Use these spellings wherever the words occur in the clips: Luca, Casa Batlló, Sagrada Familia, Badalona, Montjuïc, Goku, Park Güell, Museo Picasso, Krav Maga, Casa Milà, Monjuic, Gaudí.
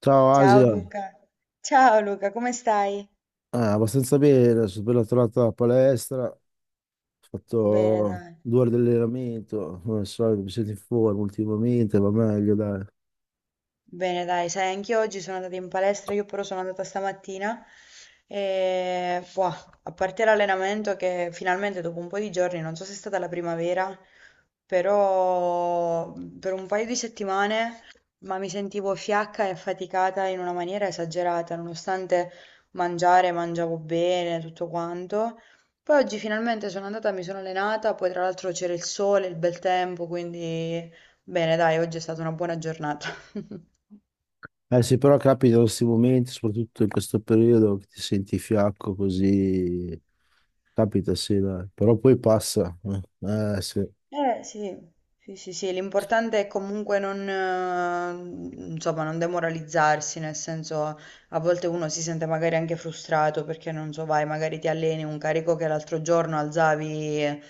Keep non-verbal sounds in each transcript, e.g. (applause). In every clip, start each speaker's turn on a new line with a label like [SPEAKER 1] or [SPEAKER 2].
[SPEAKER 1] Ciao
[SPEAKER 2] Ciao
[SPEAKER 1] Asia,
[SPEAKER 2] Luca, ciao Luca, come stai?
[SPEAKER 1] abbastanza bene, sono appena tornato dalla palestra, ho
[SPEAKER 2] Bene
[SPEAKER 1] fatto
[SPEAKER 2] dai,
[SPEAKER 1] 2 ore di allenamento, come al solito mi sento in forma ultimamente, va meglio dai.
[SPEAKER 2] bene dai, sai, anch'io oggi sono andata in palestra, io però sono andata stamattina e boh, a parte l'allenamento che finalmente dopo un po' di giorni, non so se è stata la primavera, però, per un paio di settimane, ma mi sentivo fiacca e affaticata in una maniera esagerata, nonostante mangiare, mangiavo bene, tutto quanto. Poi oggi finalmente sono andata, mi sono allenata, poi tra l'altro c'era il sole, il bel tempo, quindi bene, dai, oggi è stata una buona giornata. (laughs)
[SPEAKER 1] Eh sì, però capita questi momenti, soprattutto in questo periodo, che ti senti fiacco così, capita sì dai, però poi passa. Sì.
[SPEAKER 2] Eh sì, sì, sì, sì, l'importante è comunque non, insomma, non demoralizzarsi, nel senso a volte uno si sente magari anche frustrato perché non so, vai, magari ti alleni un carico che l'altro giorno alzavi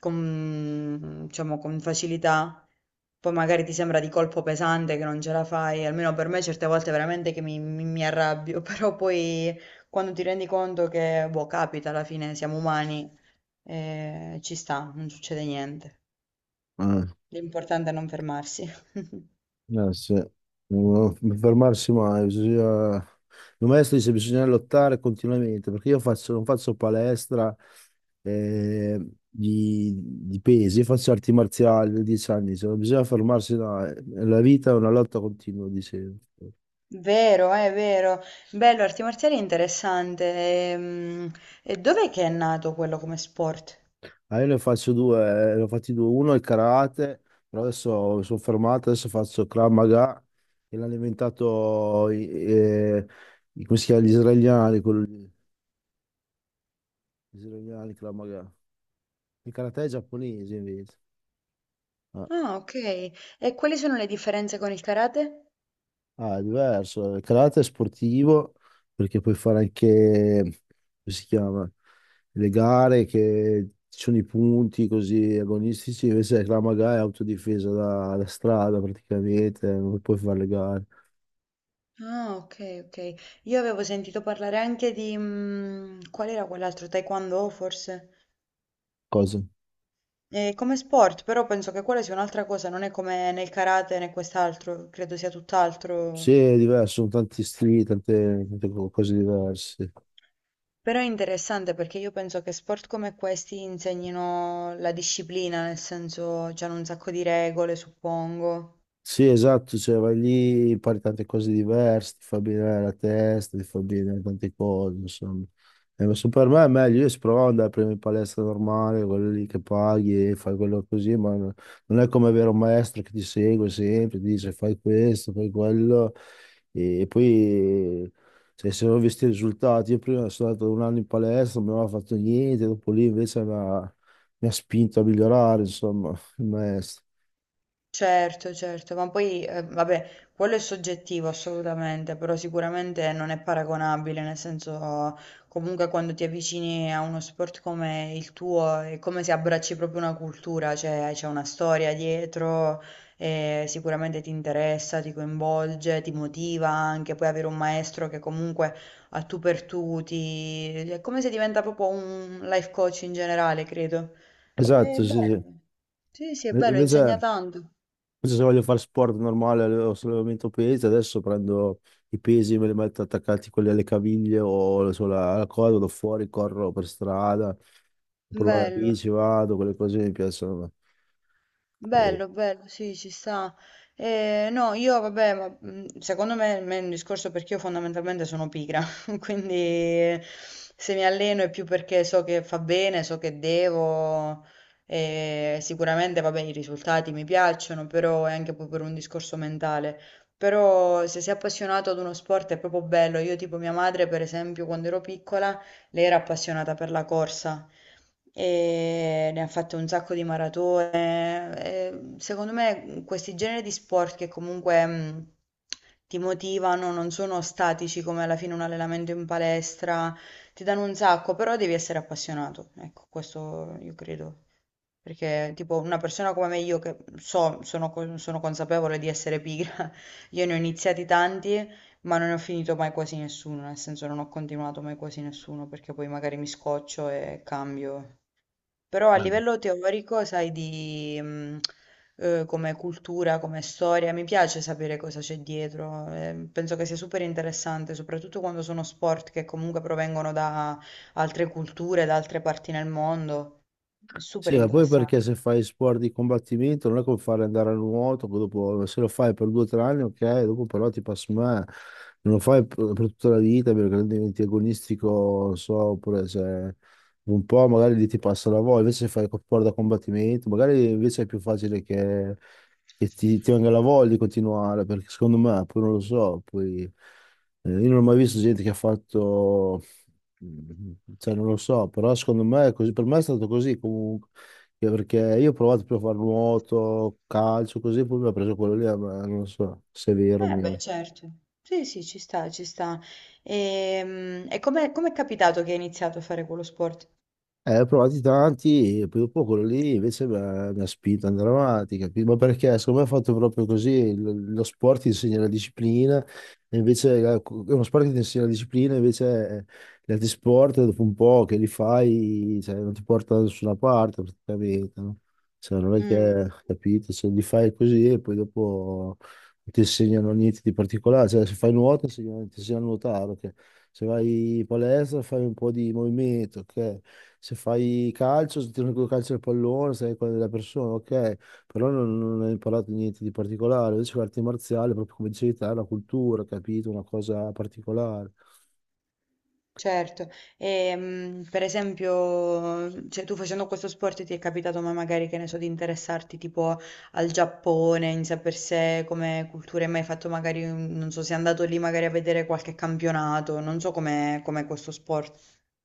[SPEAKER 2] con, diciamo, con facilità, poi magari ti sembra di colpo pesante che non ce la fai, almeno per me certe volte veramente che mi arrabbio, (laughs) però poi quando ti rendi conto che, boh, capita, alla fine siamo umani, ci sta, non succede niente.
[SPEAKER 1] Eh.
[SPEAKER 2] L'importante è non fermarsi. (laughs)
[SPEAKER 1] Eh sì, non fermarsi mai, bisogna. Il maestro dice bisogna lottare continuamente, perché io non faccio palestra eh, di pesi, io faccio arti marziali da 10 anni, cioè, non bisogna fermarsi, no, la vita è una lotta continua, dicevo.
[SPEAKER 2] Vero, è vero. Bello, arti marziali è interessante. Ehm, E, dov'è che è nato quello come sport?
[SPEAKER 1] Ah, io ne faccio due, ne ho fatti due, uno è il karate, però adesso mi sono fermato, adesso faccio Krav Maga, che l'hanno inventato come si chiama, gli israeliani, quello lì, gli israeliani Krav Maga. Il karate è giapponese invece. Ah,
[SPEAKER 2] Ah, ok. E quali sono le differenze con il karate?
[SPEAKER 1] ah, è diverso. Il karate è sportivo perché puoi fare anche, come si chiama, le gare che ci sono i punti così agonistici, invece il Krav Maga è autodifesa da strada praticamente, non puoi fare le gare.
[SPEAKER 2] Ah, ok, ok. Io avevo sentito parlare anche di... qual era quell'altro? Taekwondo, forse?
[SPEAKER 1] Cosa?
[SPEAKER 2] Come sport, però penso che quella sia un'altra cosa, non è come nel karate né quest'altro, credo sia
[SPEAKER 1] Sì,
[SPEAKER 2] tutt'altro.
[SPEAKER 1] è diverso, sono tanti stili, tante cose diverse.
[SPEAKER 2] Però è interessante perché io penso che sport come questi insegnino la disciplina, nel senso c'hanno un sacco di regole, suppongo.
[SPEAKER 1] Sì, esatto, cioè vai lì, impari tante cose diverse, ti fa bene la testa, ti fa bene tante cose, insomma. E ma se per me è meglio, io se provavo ad andare prima in palestra normale, quello lì che paghi e fai quello così, non è come avere un maestro che ti segue sempre, ti dice fai questo, fai quello, e poi cioè, se non ho visto i risultati, io prima sono andato un anno in palestra, non avevo fatto niente, dopo lì invece mi ha spinto a migliorare, insomma, il maestro.
[SPEAKER 2] Certo, certo, ma poi, vabbè, quello è soggettivo assolutamente, però sicuramente non è paragonabile, nel senso, comunque quando ti avvicini a uno sport come il tuo, è come se abbracci proprio una cultura, cioè c'è una storia dietro, e sicuramente ti interessa, ti coinvolge, ti motiva anche, poi avere un maestro che comunque a tu per tu ti... è come se diventa proprio un life coach in generale, credo. È
[SPEAKER 1] Esatto, sì, sì.
[SPEAKER 2] bello. Sì, sì, è bello, insegna
[SPEAKER 1] Invece,
[SPEAKER 2] tanto.
[SPEAKER 1] invece, se voglio fare sport normale o sollevamento pesi, adesso prendo i pesi, me li metto attaccati quelli alle caviglie o sulla alla coda, vado fuori, corro per strada, provo la
[SPEAKER 2] Bello,
[SPEAKER 1] bici, vado, quelle cose mi piacciono. E-
[SPEAKER 2] bello, bello, sì, ci sta. No, io vabbè, ma secondo me, me è un discorso perché io fondamentalmente sono pigra, (laughs) quindi se mi alleno è più perché so che fa bene, so che devo, e sicuramente vabbè i risultati mi piacciono, però è anche poi per un discorso mentale. Però se sei appassionato ad uno sport è proprio bello. Io tipo mia madre, per esempio, quando ero piccola, lei era appassionata per la corsa e ne ha fatte un sacco di maratone. E secondo me questi generi di sport che comunque, ti motivano, non sono statici come alla fine un allenamento in palestra, ti danno un sacco, però devi essere appassionato. Ecco, questo io credo. Perché tipo una persona come me, io che so, sono, sono consapevole di essere pigra, io ne ho iniziati tanti, ma non ne ho finito mai quasi nessuno, nel senso non ho continuato mai quasi nessuno, perché poi magari mi scoccio e cambio. Però a livello teorico, sai, di, come cultura, come storia, mi piace sapere cosa c'è dietro. Penso che sia super interessante, soprattutto quando sono sport che comunque provengono da altre culture, da altre parti nel mondo. È super
[SPEAKER 1] Sì, ma poi perché
[SPEAKER 2] interessante.
[SPEAKER 1] se fai sport di combattimento non è come fare andare a nuoto, che dopo se lo fai per 2 o 3 anni, ok, dopo però ti passa male, non lo fai per tutta la vita perché diventi agonistico, non so, oppure se un po' magari lì ti passa la voglia, invece se fai sport da combattimento, magari invece è più facile che, ti venga la voglia di continuare, perché secondo me, poi non lo so, poi io non ho mai visto gente che ha fatto. Mm, Cioè, non lo so, però secondo me è così. Per me è stato così comunque. Perché io ho provato più a fare nuoto, calcio, così, poi mi ha preso quello lì, ma non so se è vero o
[SPEAKER 2] Eh beh,
[SPEAKER 1] meno.
[SPEAKER 2] certo. Sì, sì, ci sta, ci sta. E, come è capitato che hai iniziato a fare quello sport?
[SPEAKER 1] Ho provati tanti, e poi dopo quello lì invece mi ha spinto ad andare avanti, capito? Ma perché secondo me è fatto proprio così, lo sport ti insegna la disciplina, e invece è uno sport che ti insegna la disciplina, invece gli altri sport dopo un po' che li fai, cioè, non ti porta da nessuna parte praticamente, no? Cioè, non è
[SPEAKER 2] Mm.
[SPEAKER 1] che, capito, se li fai così e poi dopo non ti insegnano niente di particolare, cioè se fai nuoto ti insegnano a nuotare, ok? Se vai in palestra fai un po' di movimento, ok? Se fai calcio, se tiro con il calcio del pallone, sei quella della persona, ok? Però non hai imparato niente di particolare. Invece l'arte marziale, proprio come dicevi te, è una cultura, capito? Una cosa particolare.
[SPEAKER 2] Certo, e, per esempio, cioè, tu facendo questo sport ti è capitato ma magari che ne so di interessarti tipo al Giappone in sé per sé come cultura, hai mai fatto magari, non so, sei andato lì magari a vedere qualche campionato, non so com'è questo sport.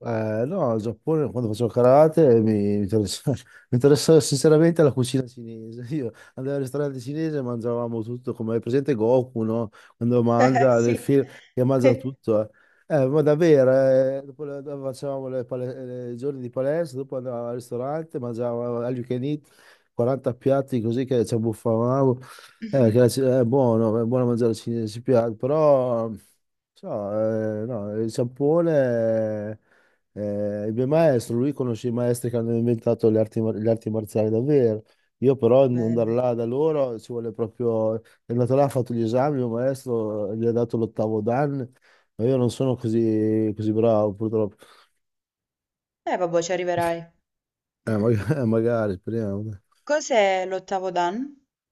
[SPEAKER 1] No, al Giappone quando facevo karate (laughs) mi interessava, sinceramente la cucina cinese. (laughs) Io andavo al ristorante cinese e mangiavamo tutto, come è presente Goku, no? Quando
[SPEAKER 2] (laughs)
[SPEAKER 1] mangia
[SPEAKER 2] Sì.
[SPEAKER 1] nel film che mangia tutto. Eh, ma davvero, dopo facevamo i giorni di palestra, dopo andavo al ristorante, mangiavo all you can eat, 40 piatti così che ci abbuffavamo. Che
[SPEAKER 2] (laughs)
[SPEAKER 1] è buono mangiare cinese, ci piace, però non so, no, il Giappone. Il mio maestro, lui conosce i maestri che hanno inventato le arti, le arti marziali davvero. Io però andare
[SPEAKER 2] Bello.
[SPEAKER 1] là da loro ci vuole proprio. È andato là, ha fatto gli esami, il mio maestro gli ha dato l'ottavo dan, ma io non sono così, così bravo purtroppo.
[SPEAKER 2] Eh vabbè, ci arriverai.
[SPEAKER 1] (laughs) Magari, speriamo.
[SPEAKER 2] Cos'è l'ottavo dan?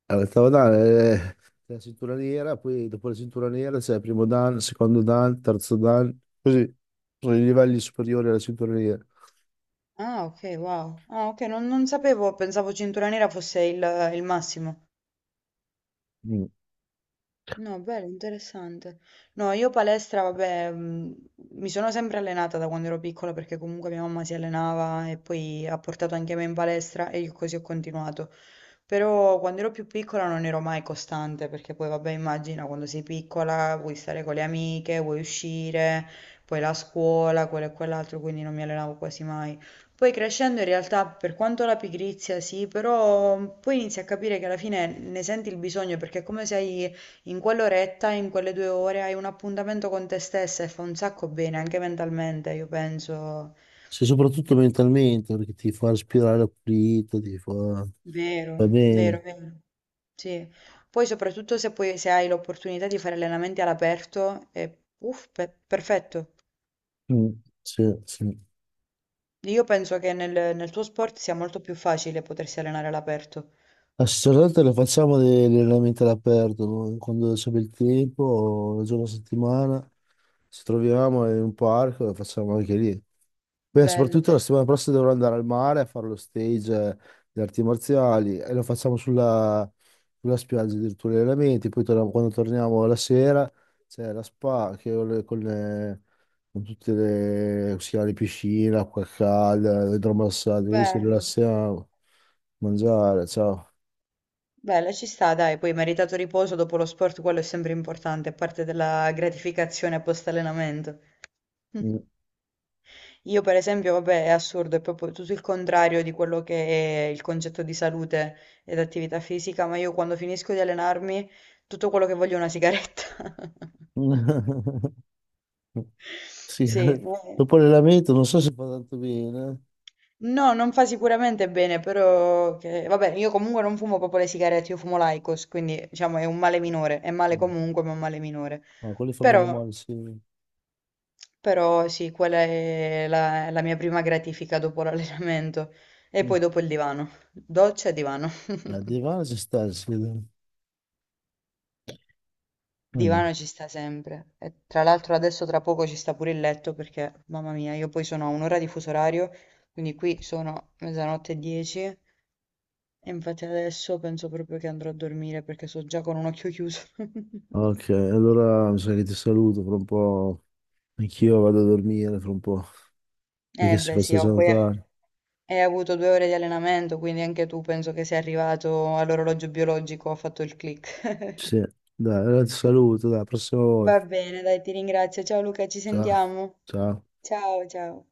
[SPEAKER 1] L'ottavo dan è la cintura nera, poi dopo la cintura nera c'è il primo dan, il secondo dan, il terzo dan, così. Sono i livelli superiori alla cintura nera.
[SPEAKER 2] Ah, ok, wow. Ah, ok, non sapevo, pensavo cintura nera fosse il massimo.
[SPEAKER 1] Mm.
[SPEAKER 2] No, bello, interessante. No, io palestra, vabbè, mi sono sempre allenata da quando ero piccola perché comunque mia mamma si allenava e poi ha portato anche me in palestra e io così ho continuato. Però quando ero più piccola non ero mai costante perché poi, vabbè, immagina quando sei piccola vuoi stare con le amiche, vuoi uscire, poi la scuola, quello e quell'altro, quindi non mi allenavo quasi mai. Poi crescendo in realtà, per quanto la pigrizia sì, però poi inizi a capire che alla fine ne senti il bisogno perché è come se hai in quell'oretta, in quelle 2 ore hai un appuntamento con te stessa e fa un sacco bene anche mentalmente, io penso.
[SPEAKER 1] Sì, soprattutto
[SPEAKER 2] È
[SPEAKER 1] mentalmente, perché ti fa respirare pulito, ti fa.
[SPEAKER 2] vero,
[SPEAKER 1] Va bene.
[SPEAKER 2] vero, vero. Sì. Poi soprattutto se hai l'opportunità di fare allenamenti all'aperto, è uff, perfetto.
[SPEAKER 1] Mm, sì, sì.
[SPEAKER 2] Io penso che nel tuo sport sia molto più facile potersi allenare all'aperto.
[SPEAKER 1] Assolutamente lo facciamo degli allenamenti all'aperto, no? Quando c'è bel tempo, un giorno a settimana, ci troviamo in un parco e lo facciamo anche lì. Poi
[SPEAKER 2] Bello,
[SPEAKER 1] soprattutto la settimana prossima dovrò andare al mare a fare lo stage di arti marziali e lo facciamo sulla spiaggia addirittura gli allenamenti, poi quando torniamo la sera c'è la spa che ho con tutte le, come si chiama, le piscine, acqua calda, idromassaggio, così ci
[SPEAKER 2] bello,
[SPEAKER 1] rilassiamo, mangiare, ciao.
[SPEAKER 2] bello, ci sta, dai, poi meritato riposo dopo lo sport, quello è sempre importante, è parte della gratificazione post-allenamento. (laughs) Io per esempio, vabbè, è assurdo, è proprio tutto il contrario di quello che è il concetto di salute ed attività fisica, ma io quando finisco di allenarmi, tutto quello che voglio è una sigaretta. (laughs)
[SPEAKER 1] (laughs) Sì,
[SPEAKER 2] Sì, no,
[SPEAKER 1] dopo l'allenamento non so se fa tanto bene.
[SPEAKER 2] no, non fa sicuramente bene, però vabbè, io comunque non fumo proprio le sigarette, io fumo l'Aicos, quindi diciamo è un male minore, è male
[SPEAKER 1] No.
[SPEAKER 2] comunque, ma è un male minore.
[SPEAKER 1] Ma quelli fa
[SPEAKER 2] Però,
[SPEAKER 1] meno male, sì.
[SPEAKER 2] però sì, quella è la mia prima gratifica dopo l'allenamento e
[SPEAKER 1] Mm.
[SPEAKER 2] poi dopo il divano, doccia e divano. (laughs)
[SPEAKER 1] Al divano ci sta, sì. Mm.
[SPEAKER 2] Divano ci sta sempre. E tra l'altro adesso tra poco ci sta pure il letto perché, mamma mia, io poi sono a un'ora di fuso orario, quindi qui sono mezzanotte e dieci e infatti adesso penso proprio che andrò a dormire perché sto già con un occhio chiuso.
[SPEAKER 1] Ok,
[SPEAKER 2] (laughs)
[SPEAKER 1] allora mi sa che ti saluto fra un po'. Anch'io vado a dormire fra un po', perché
[SPEAKER 2] Eh
[SPEAKER 1] si
[SPEAKER 2] beh
[SPEAKER 1] fa
[SPEAKER 2] sì, ho
[SPEAKER 1] stagione
[SPEAKER 2] poi
[SPEAKER 1] tardi.
[SPEAKER 2] hai avuto 2 ore di allenamento, quindi anche tu penso che sei arrivato all'orologio biologico, ha fatto il click.
[SPEAKER 1] Sì, dai, allora ti saluto, dai, prossima
[SPEAKER 2] (laughs) Va
[SPEAKER 1] volta.
[SPEAKER 2] bene, dai, ti ringrazio. Ciao Luca, ci
[SPEAKER 1] Ciao,
[SPEAKER 2] sentiamo.
[SPEAKER 1] ciao.
[SPEAKER 2] Ciao, ciao.